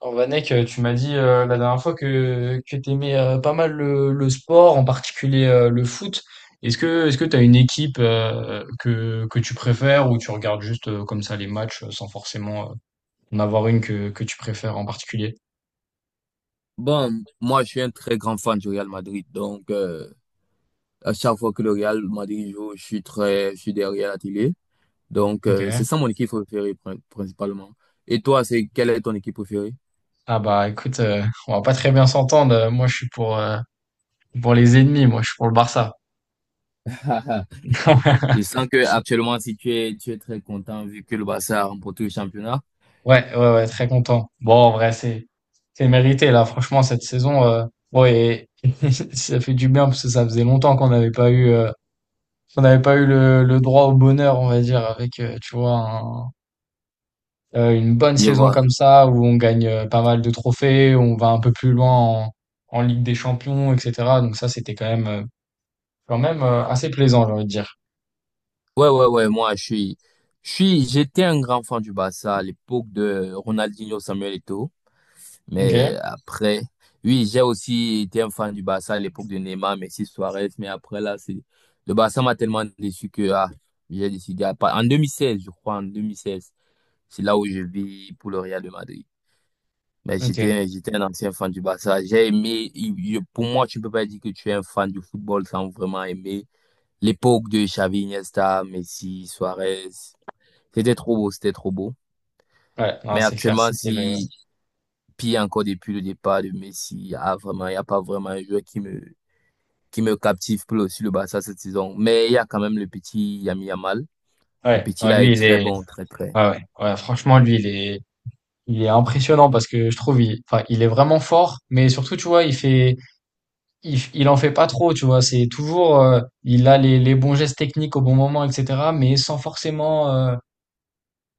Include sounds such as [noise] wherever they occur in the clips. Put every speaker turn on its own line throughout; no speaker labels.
Oh, Vanek, tu m'as dit la dernière fois que tu aimais pas mal le sport, en particulier le foot. Est-ce que tu as une équipe que tu préfères, ou tu regardes juste comme ça les matchs sans forcément en avoir une que tu préfères en particulier?
Bon, moi, je suis un très grand fan du Real Madrid. Donc, à chaque fois que le Real Madrid joue, je suis derrière la télé. Donc, c'est
Ok.
ça mon équipe préférée, principalement. Et toi, quelle est ton équipe préférée?
Ah bah écoute, on va pas très bien s'entendre. Moi je suis pour, pour les ennemis, moi je suis pour le Barça.
[laughs]
[laughs]
Je sens que actuellement, si tu es, tu es très content vu que le Barça a remporté le championnat.
Ouais, ouais, ouais, très content. Bon, en vrai, c'est mérité là. Franchement, cette saison, bon. Et [laughs] ça fait du bien parce que ça faisait longtemps qu'on n'avait pas eu le droit au bonheur, on va dire, avec tu vois une bonne
Je
saison
vois.
comme ça, où on gagne pas mal de trophées, où on va un peu plus loin en Ligue des Champions, etc. Donc ça, c'était quand même, assez plaisant, j'ai envie de dire.
Ouais, ouais, ouais. Je suis, j'étais un grand fan du Barça à l'époque de Ronaldinho, Samuel Eto'o. Mais
Ok,
après, oui, j'ai aussi été un fan du Barça à l'époque de Neymar, Messi, Suarez. Mais après, là, c'est le Barça m'a tellement déçu que ah, j'ai décidé à pas. En 2016, je crois, en 2016, c'est là où je vis pour le Real de Madrid. Mais
ok.
j'étais un ancien fan du Barça. J'ai aimé, pour moi, tu peux pas dire que tu es un fan du football sans vraiment aimer l'époque de Xavi, Iniesta, Messi, Suarez. C'était trop beau, c'était trop beau.
Ouais, non,
Mais
c'est clair,
actuellement,
c'était le.
si Puis il y a encore depuis le départ de Messi, ah, vraiment, il n'y a pas vraiment un joueur qui me captive sur le Barça cette saison. Mais il y a quand même le petit Yami Yamal. Le
Ouais,
petit
non,
là
lui,
est
il
très
est.
bon, très très.
Ouais, ouais, ouais. Franchement, lui, il est. Il est impressionnant parce que je trouve, enfin, il est vraiment fort. Mais surtout, tu vois, il en fait pas trop, tu vois. C'est toujours, il a les bons gestes techniques au bon moment, etc. Mais sans forcément,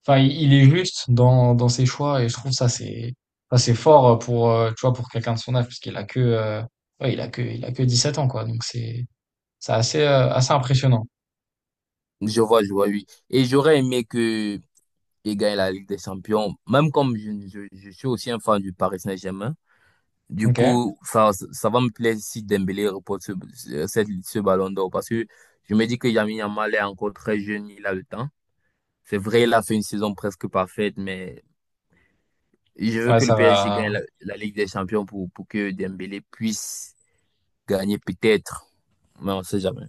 enfin, il est juste dans, ses choix. Et je trouve ça, c'est fort pour, tu vois, pour quelqu'un de son âge, parce qu'il a que, ouais, il a que 17 ans, quoi. Donc c'est, c'est assez impressionnant.
Je vois, oui. Et j'aurais aimé que il gagne la Ligue des Champions, même comme je suis aussi un fan du Paris Saint-Germain. Du
Ok.
coup, ça va me plaire si Dembélé remporte ce ballon d'or parce que je me dis que Yami Yamal est encore très jeune, il a le temps. C'est vrai, il a fait une saison presque parfaite, mais je veux
Ouais,
que le
ça
PSG
va.
gagne la Ligue des Champions pour que Dembélé puisse gagner peut-être, mais on ne sait jamais.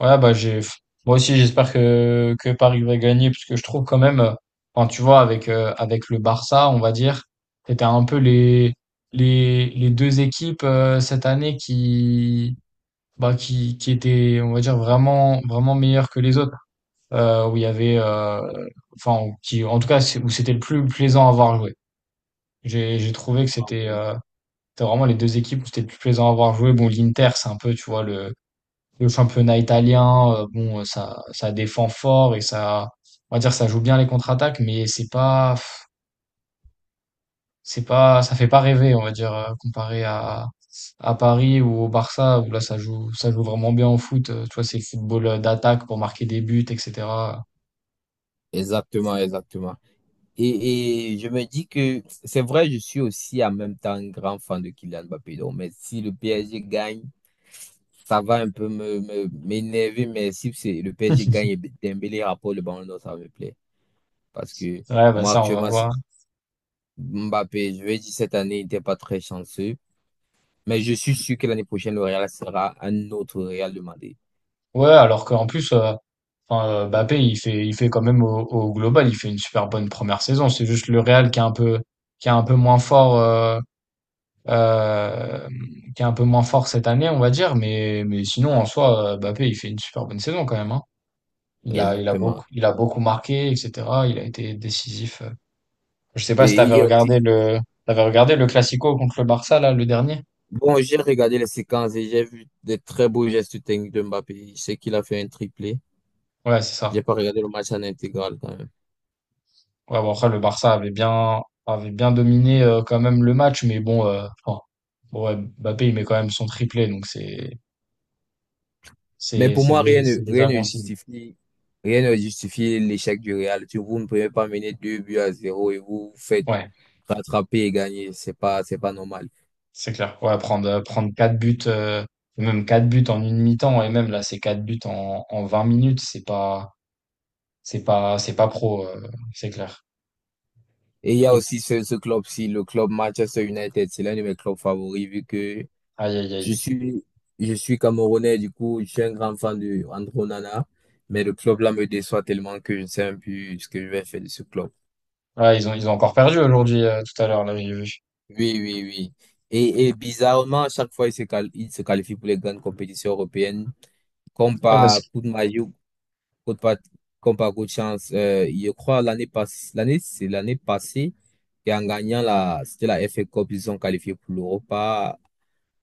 Ouais, bah j'ai moi aussi j'espère que Paris va gagner parce que je trouve quand même, enfin tu vois, avec avec le Barça, on va dire, c'était un peu les deux équipes cette année qui bah qui étaient, on va dire, vraiment vraiment meilleures que les autres, où il y avait enfin où- qui en tout cas c'est- où c'était le plus plaisant à voir jouer. J'ai trouvé que
Ah
c'était
oui.
euh, c'était vraiment les deux équipes où c'était le plus plaisant à voir jouer. Bon, l'Inter, c'est un peu, tu vois, le championnat italien. Bon, ça, défend fort, et ça, on va dire, ça joue bien les contre-attaques. Mais c'est pas, ça fait pas rêver, on va dire, comparé à Paris ou au Barça, où là, ça joue vraiment bien au foot. Tu vois, c'est football d'attaque pour marquer des buts, etc.
Exactement, exactement. Et je me dis que c'est vrai, je suis aussi en même temps un grand fan de Kylian Mbappé. Donc, mais si le PSG gagne, ça va un peu m'énerver, mais si c'est le PSG gagne et Dembélé rapporte le ballon d'or, ça me plaît. Parce que
Ouais, bah
moi,
ça, on va
actuellement, si-
voir.
Mbappé, je vais dire cette année, il n'était pas très chanceux. Mais je suis sûr que l'année prochaine, le Real sera un autre Real demandé.
Ouais, alors qu'en plus, enfin, Mbappé, il fait quand même, au global, il fait une super bonne première saison. C'est juste le Real qui est un peu moins fort. Euh, qui est un peu moins fort cette année, on va dire. Mais sinon, en soi, Mbappé, il fait une super bonne saison quand même, hein. Il a, il a
Exactement.
beaucoup, il a beaucoup marqué, etc. Il a été décisif. Je sais pas si
Et il y a aussi,
t'avais regardé le Classico contre le Barça, là, le dernier?
bon, j'ai regardé les séquences et j'ai vu des très beaux gestes techniques de Mbappé. Je sais qu'il a fait un triplé.
Ouais, c'est ça.
J'ai pas regardé le match en intégral quand même.
Ouais, bon, après, le Barça avait bien dominé, quand même, le match. Mais bon, enfin, bon, ouais, Mbappé, il met quand même son triplé, donc
Mais pour moi,
c'est
rien
déjà
ne
bon signe.
justifie, rien ne justifie l'échec du Real. Vous ne pouvez pas mener deux buts à zéro et vous vous faites
Ouais.
rattraper et gagner. C'est pas normal.
C'est clair. Ouais, prendre, prendre 4 buts, même 4 buts en une mi-temps, et même là, c'est 4 buts en 20 minutes. C'est pas, c'est pas pro, c'est clair.
Et il y a
Et,
aussi ce club-ci, le club Manchester United. C'est l'un de mes clubs favoris vu que
aïe, aïe,
Je
aïe.
suis, je suis Camerounais, du coup, je suis un grand fan de Andro Nana, mais le club là me déçoit tellement que je ne sais même plus ce que je vais faire de ce club.
Ouais, ils ont encore perdu aujourd'hui, tout à l'heure, là, j'ai vu.
Oui, oui, oui. Et bizarrement, à chaque fois, il se qualifie pour les grandes compétitions européennes. Comme
Ouais, parce
par
que,
coup de magie, ou coup de pat- comme par coup de chance, je crois l'année passée, c'est l'année passée, et en gagnant la, c'était la FA Cup, ils sont qualifiés pour l'Europa.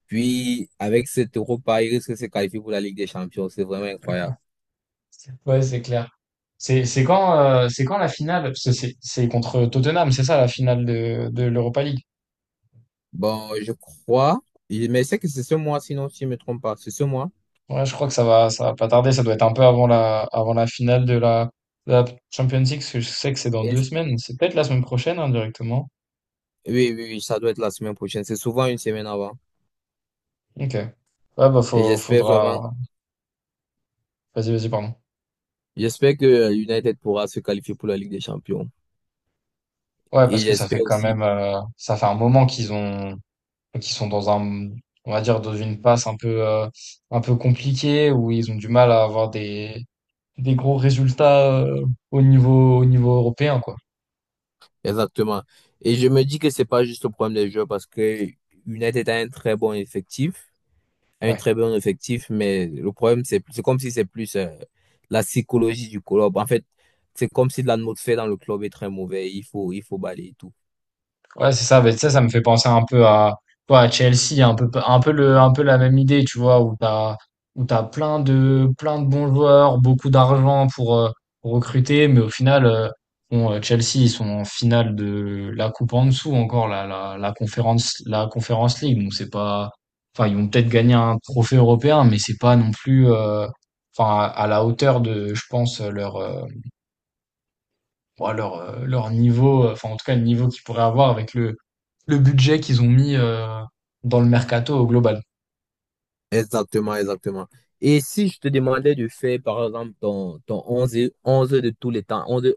Puis, avec cette Europa, ils risquent de se qualifier pour la Ligue des Champions. C'est vraiment incroyable.
ouais, c'est clair. C'est quand la finale? Parce que c'est contre Tottenham, c'est ça, la finale de l'Europa League.
Bon, je crois, mais c'est que c'est ce mois, sinon, si je ne me trompe pas, c'est ce mois.
Ouais, je crois que ça va pas tarder. Ça doit être un peu avant la finale de la Champions League, parce que je sais que c'est dans deux
Et-
semaines. C'est peut-être la semaine prochaine, hein, directement.
oui, oui, oui, ça doit être la semaine prochaine. C'est souvent une semaine avant.
Ok. Ouais, bah
Et j'espère vraiment,
faudra. Vas-y, vas-y, pardon.
j'espère que United pourra se qualifier pour la Ligue des Champions.
Ouais,
Et
parce que ça fait
j'espère
quand
aussi,
même, ça fait un moment qu'ils sont on va dire dans une passe un peu compliquée, où ils ont du mal à avoir des gros résultats au niveau européen, quoi.
exactement. Et je me dis que c'est pas juste le problème des joueurs parce que United a un très bon effectif, a un
Ouais.
très bon effectif, mais le problème, c'est comme si c'est plus la psychologie du club. En fait, c'est comme si l'atmosphère dans le club est très mauvaise. Il faut balayer tout.
Ouais, c'est ça. Mais ça ça me fait penser un peu à, quoi, à Chelsea, un peu la même idée, tu vois, où t'as plein de bons joueurs, beaucoup d'argent pour, recruter. Mais au final, bon, Chelsea, ils sont en finale de la coupe en dessous encore, la Conference League. Donc c'est pas, enfin, ils vont peut-être gagner un trophée européen, mais c'est pas non plus, enfin, à la hauteur de, je pense, leur niveau, enfin, en tout cas, le niveau qu'ils pourraient avoir avec le budget qu'ils ont mis dans le mercato au global.
Exactement, exactement. Et si je te demandais de faire, par exemple, ton 11, 11 de tous les temps, 11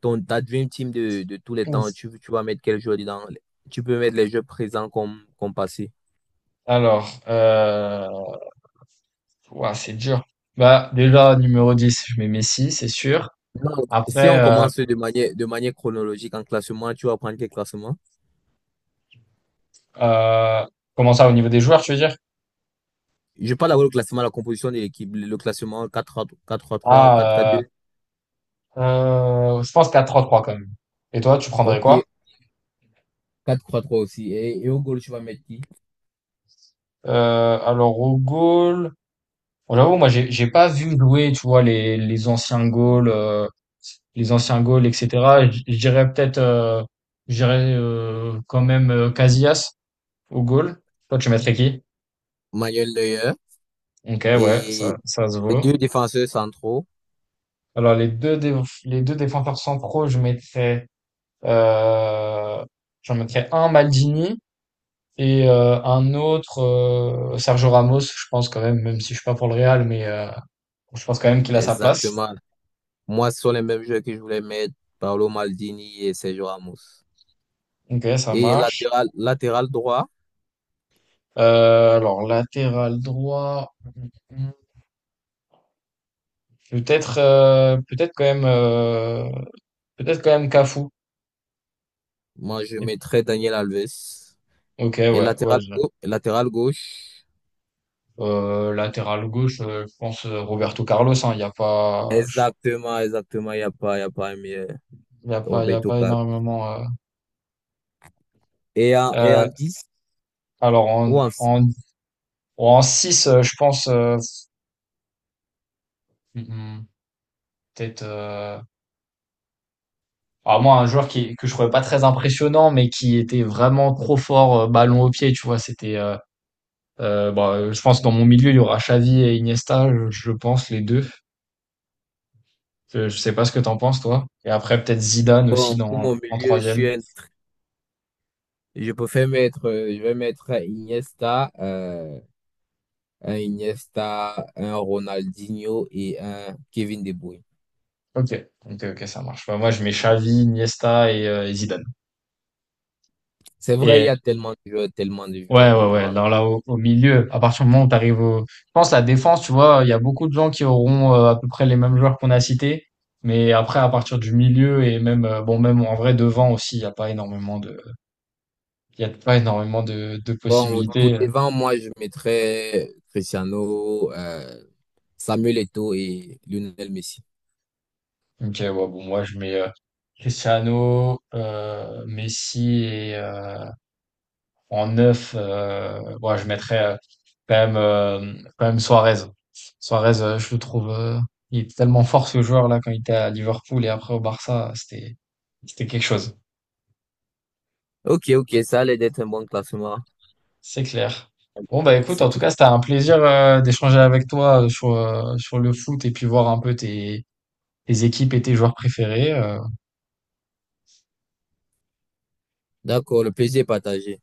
ta dream team de tous les temps,
Ouf.
tu vas mettre quel joueur dedans? Tu peux mettre les jeux présents comme, comme passés.
Alors, ouah, c'est dur. Bah, déjà, numéro 10, je mets Messi, c'est sûr.
Non, si
Après,
on commence de manière chronologique en classement, tu vas prendre quel classement?
euh, comment ça, au niveau des joueurs, tu veux dire?
Je parle d'abord le classement, la composition de l'équipe, le classement quatre trois trois quatre quatre
Ah,
deux.
je pense quatre trois 3 quand même. Et toi, tu prendrais
Ok,
quoi?
quatre trois trois aussi. Et au goal, tu vas mettre qui?
Alors, au goal, bon, j'avoue, moi, j'ai pas vu jouer, tu vois, les anciens goals, etc. Je dirais quand même Casillas au goal. Toi, tu mettrais qui?
Manuel Neuer
Ok, ouais, ça,
et
ça se
les
vaut.
deux défenseurs centraux.
Alors, les deux défenseurs centraux, euh, j'en mettrais un Maldini et un autre Sergio Ramos, je pense quand même, même si je suis pas pour le Real. Mais je pense quand même qu'il a sa place.
Exactement. Moi, ce sont les mêmes jeux que je voulais mettre, Paolo Maldini et Sergio Ramos.
Ok, ça
Et
marche.
latéral droit,
Alors, latéral droit, peut-être euh, peut-être quand même euh, peut-être quand même Cafu.
moi, je
Et-
mettrais Daniel Alves.
Ok,
Et
ouais, ouais.
latéral gauche,
Latéral gauche, je pense Roberto Carlos. Il, hein, y a pas,
exactement, exactement, il n'y a pas, y a pas un meilleur,
il y a pas, il y a
Roberto
pas
Carlos.
énormément.
Et en
Euh,
10
alors en
ou en-
en 6, je pense, mhm, peut-être. Alors moi, un joueur qui que je trouvais pas très impressionnant, mais qui était vraiment trop fort ballon au pied. Tu vois, c'était. Bon, je pense que dans mon milieu, il y aura Xavi et Iniesta, je pense, les deux. Je sais pas ce que t'en penses, toi. Et après, peut-être Zidane aussi
bon, pour mon
en
milieu, je suis
troisième.
un- je préfère mettre, je vais mettre un Iniesta, un Iniesta, un Ronaldinho et un Kevin De Bruyne.
Ok, ok, ok, ça marche. Bah, moi, je mets Xavi, Iniesta et Zidane.
C'est vrai, il y
Et
a tellement de
ouais,
joueurs qu'on
ouais, ouais.
pourra.
Alors là, au milieu, à partir du moment où t'arrives au. Je pense la défense, tu vois, il y a beaucoup de gens qui auront à peu près les mêmes joueurs qu'on a cités. Mais après, à partir du milieu, et même, bon, même en vrai, devant aussi, il y a pas énormément de
Bon, pour
possibilités.
devant, moi, je mettrais Cristiano, Samuel Eto'o et Lionel Messi.
Ok, ouais, bon, moi je mets Cristiano, Messi et en neuf, ouais, je mettrais quand même Suarez. Suarez, je le trouve, il est tellement fort ce joueur là quand il était à Liverpool, et après au Barça, c'était quelque chose,
Ok, ok, ça allait d'être un bon classement,
c'est clair. Bon bah écoute,
c'est
en tout cas
clair.
c'était un plaisir d'échanger avec toi sur, sur le foot et puis voir un peu tes équipes et tes joueurs préférés.
D'accord, le plaisir est partagé.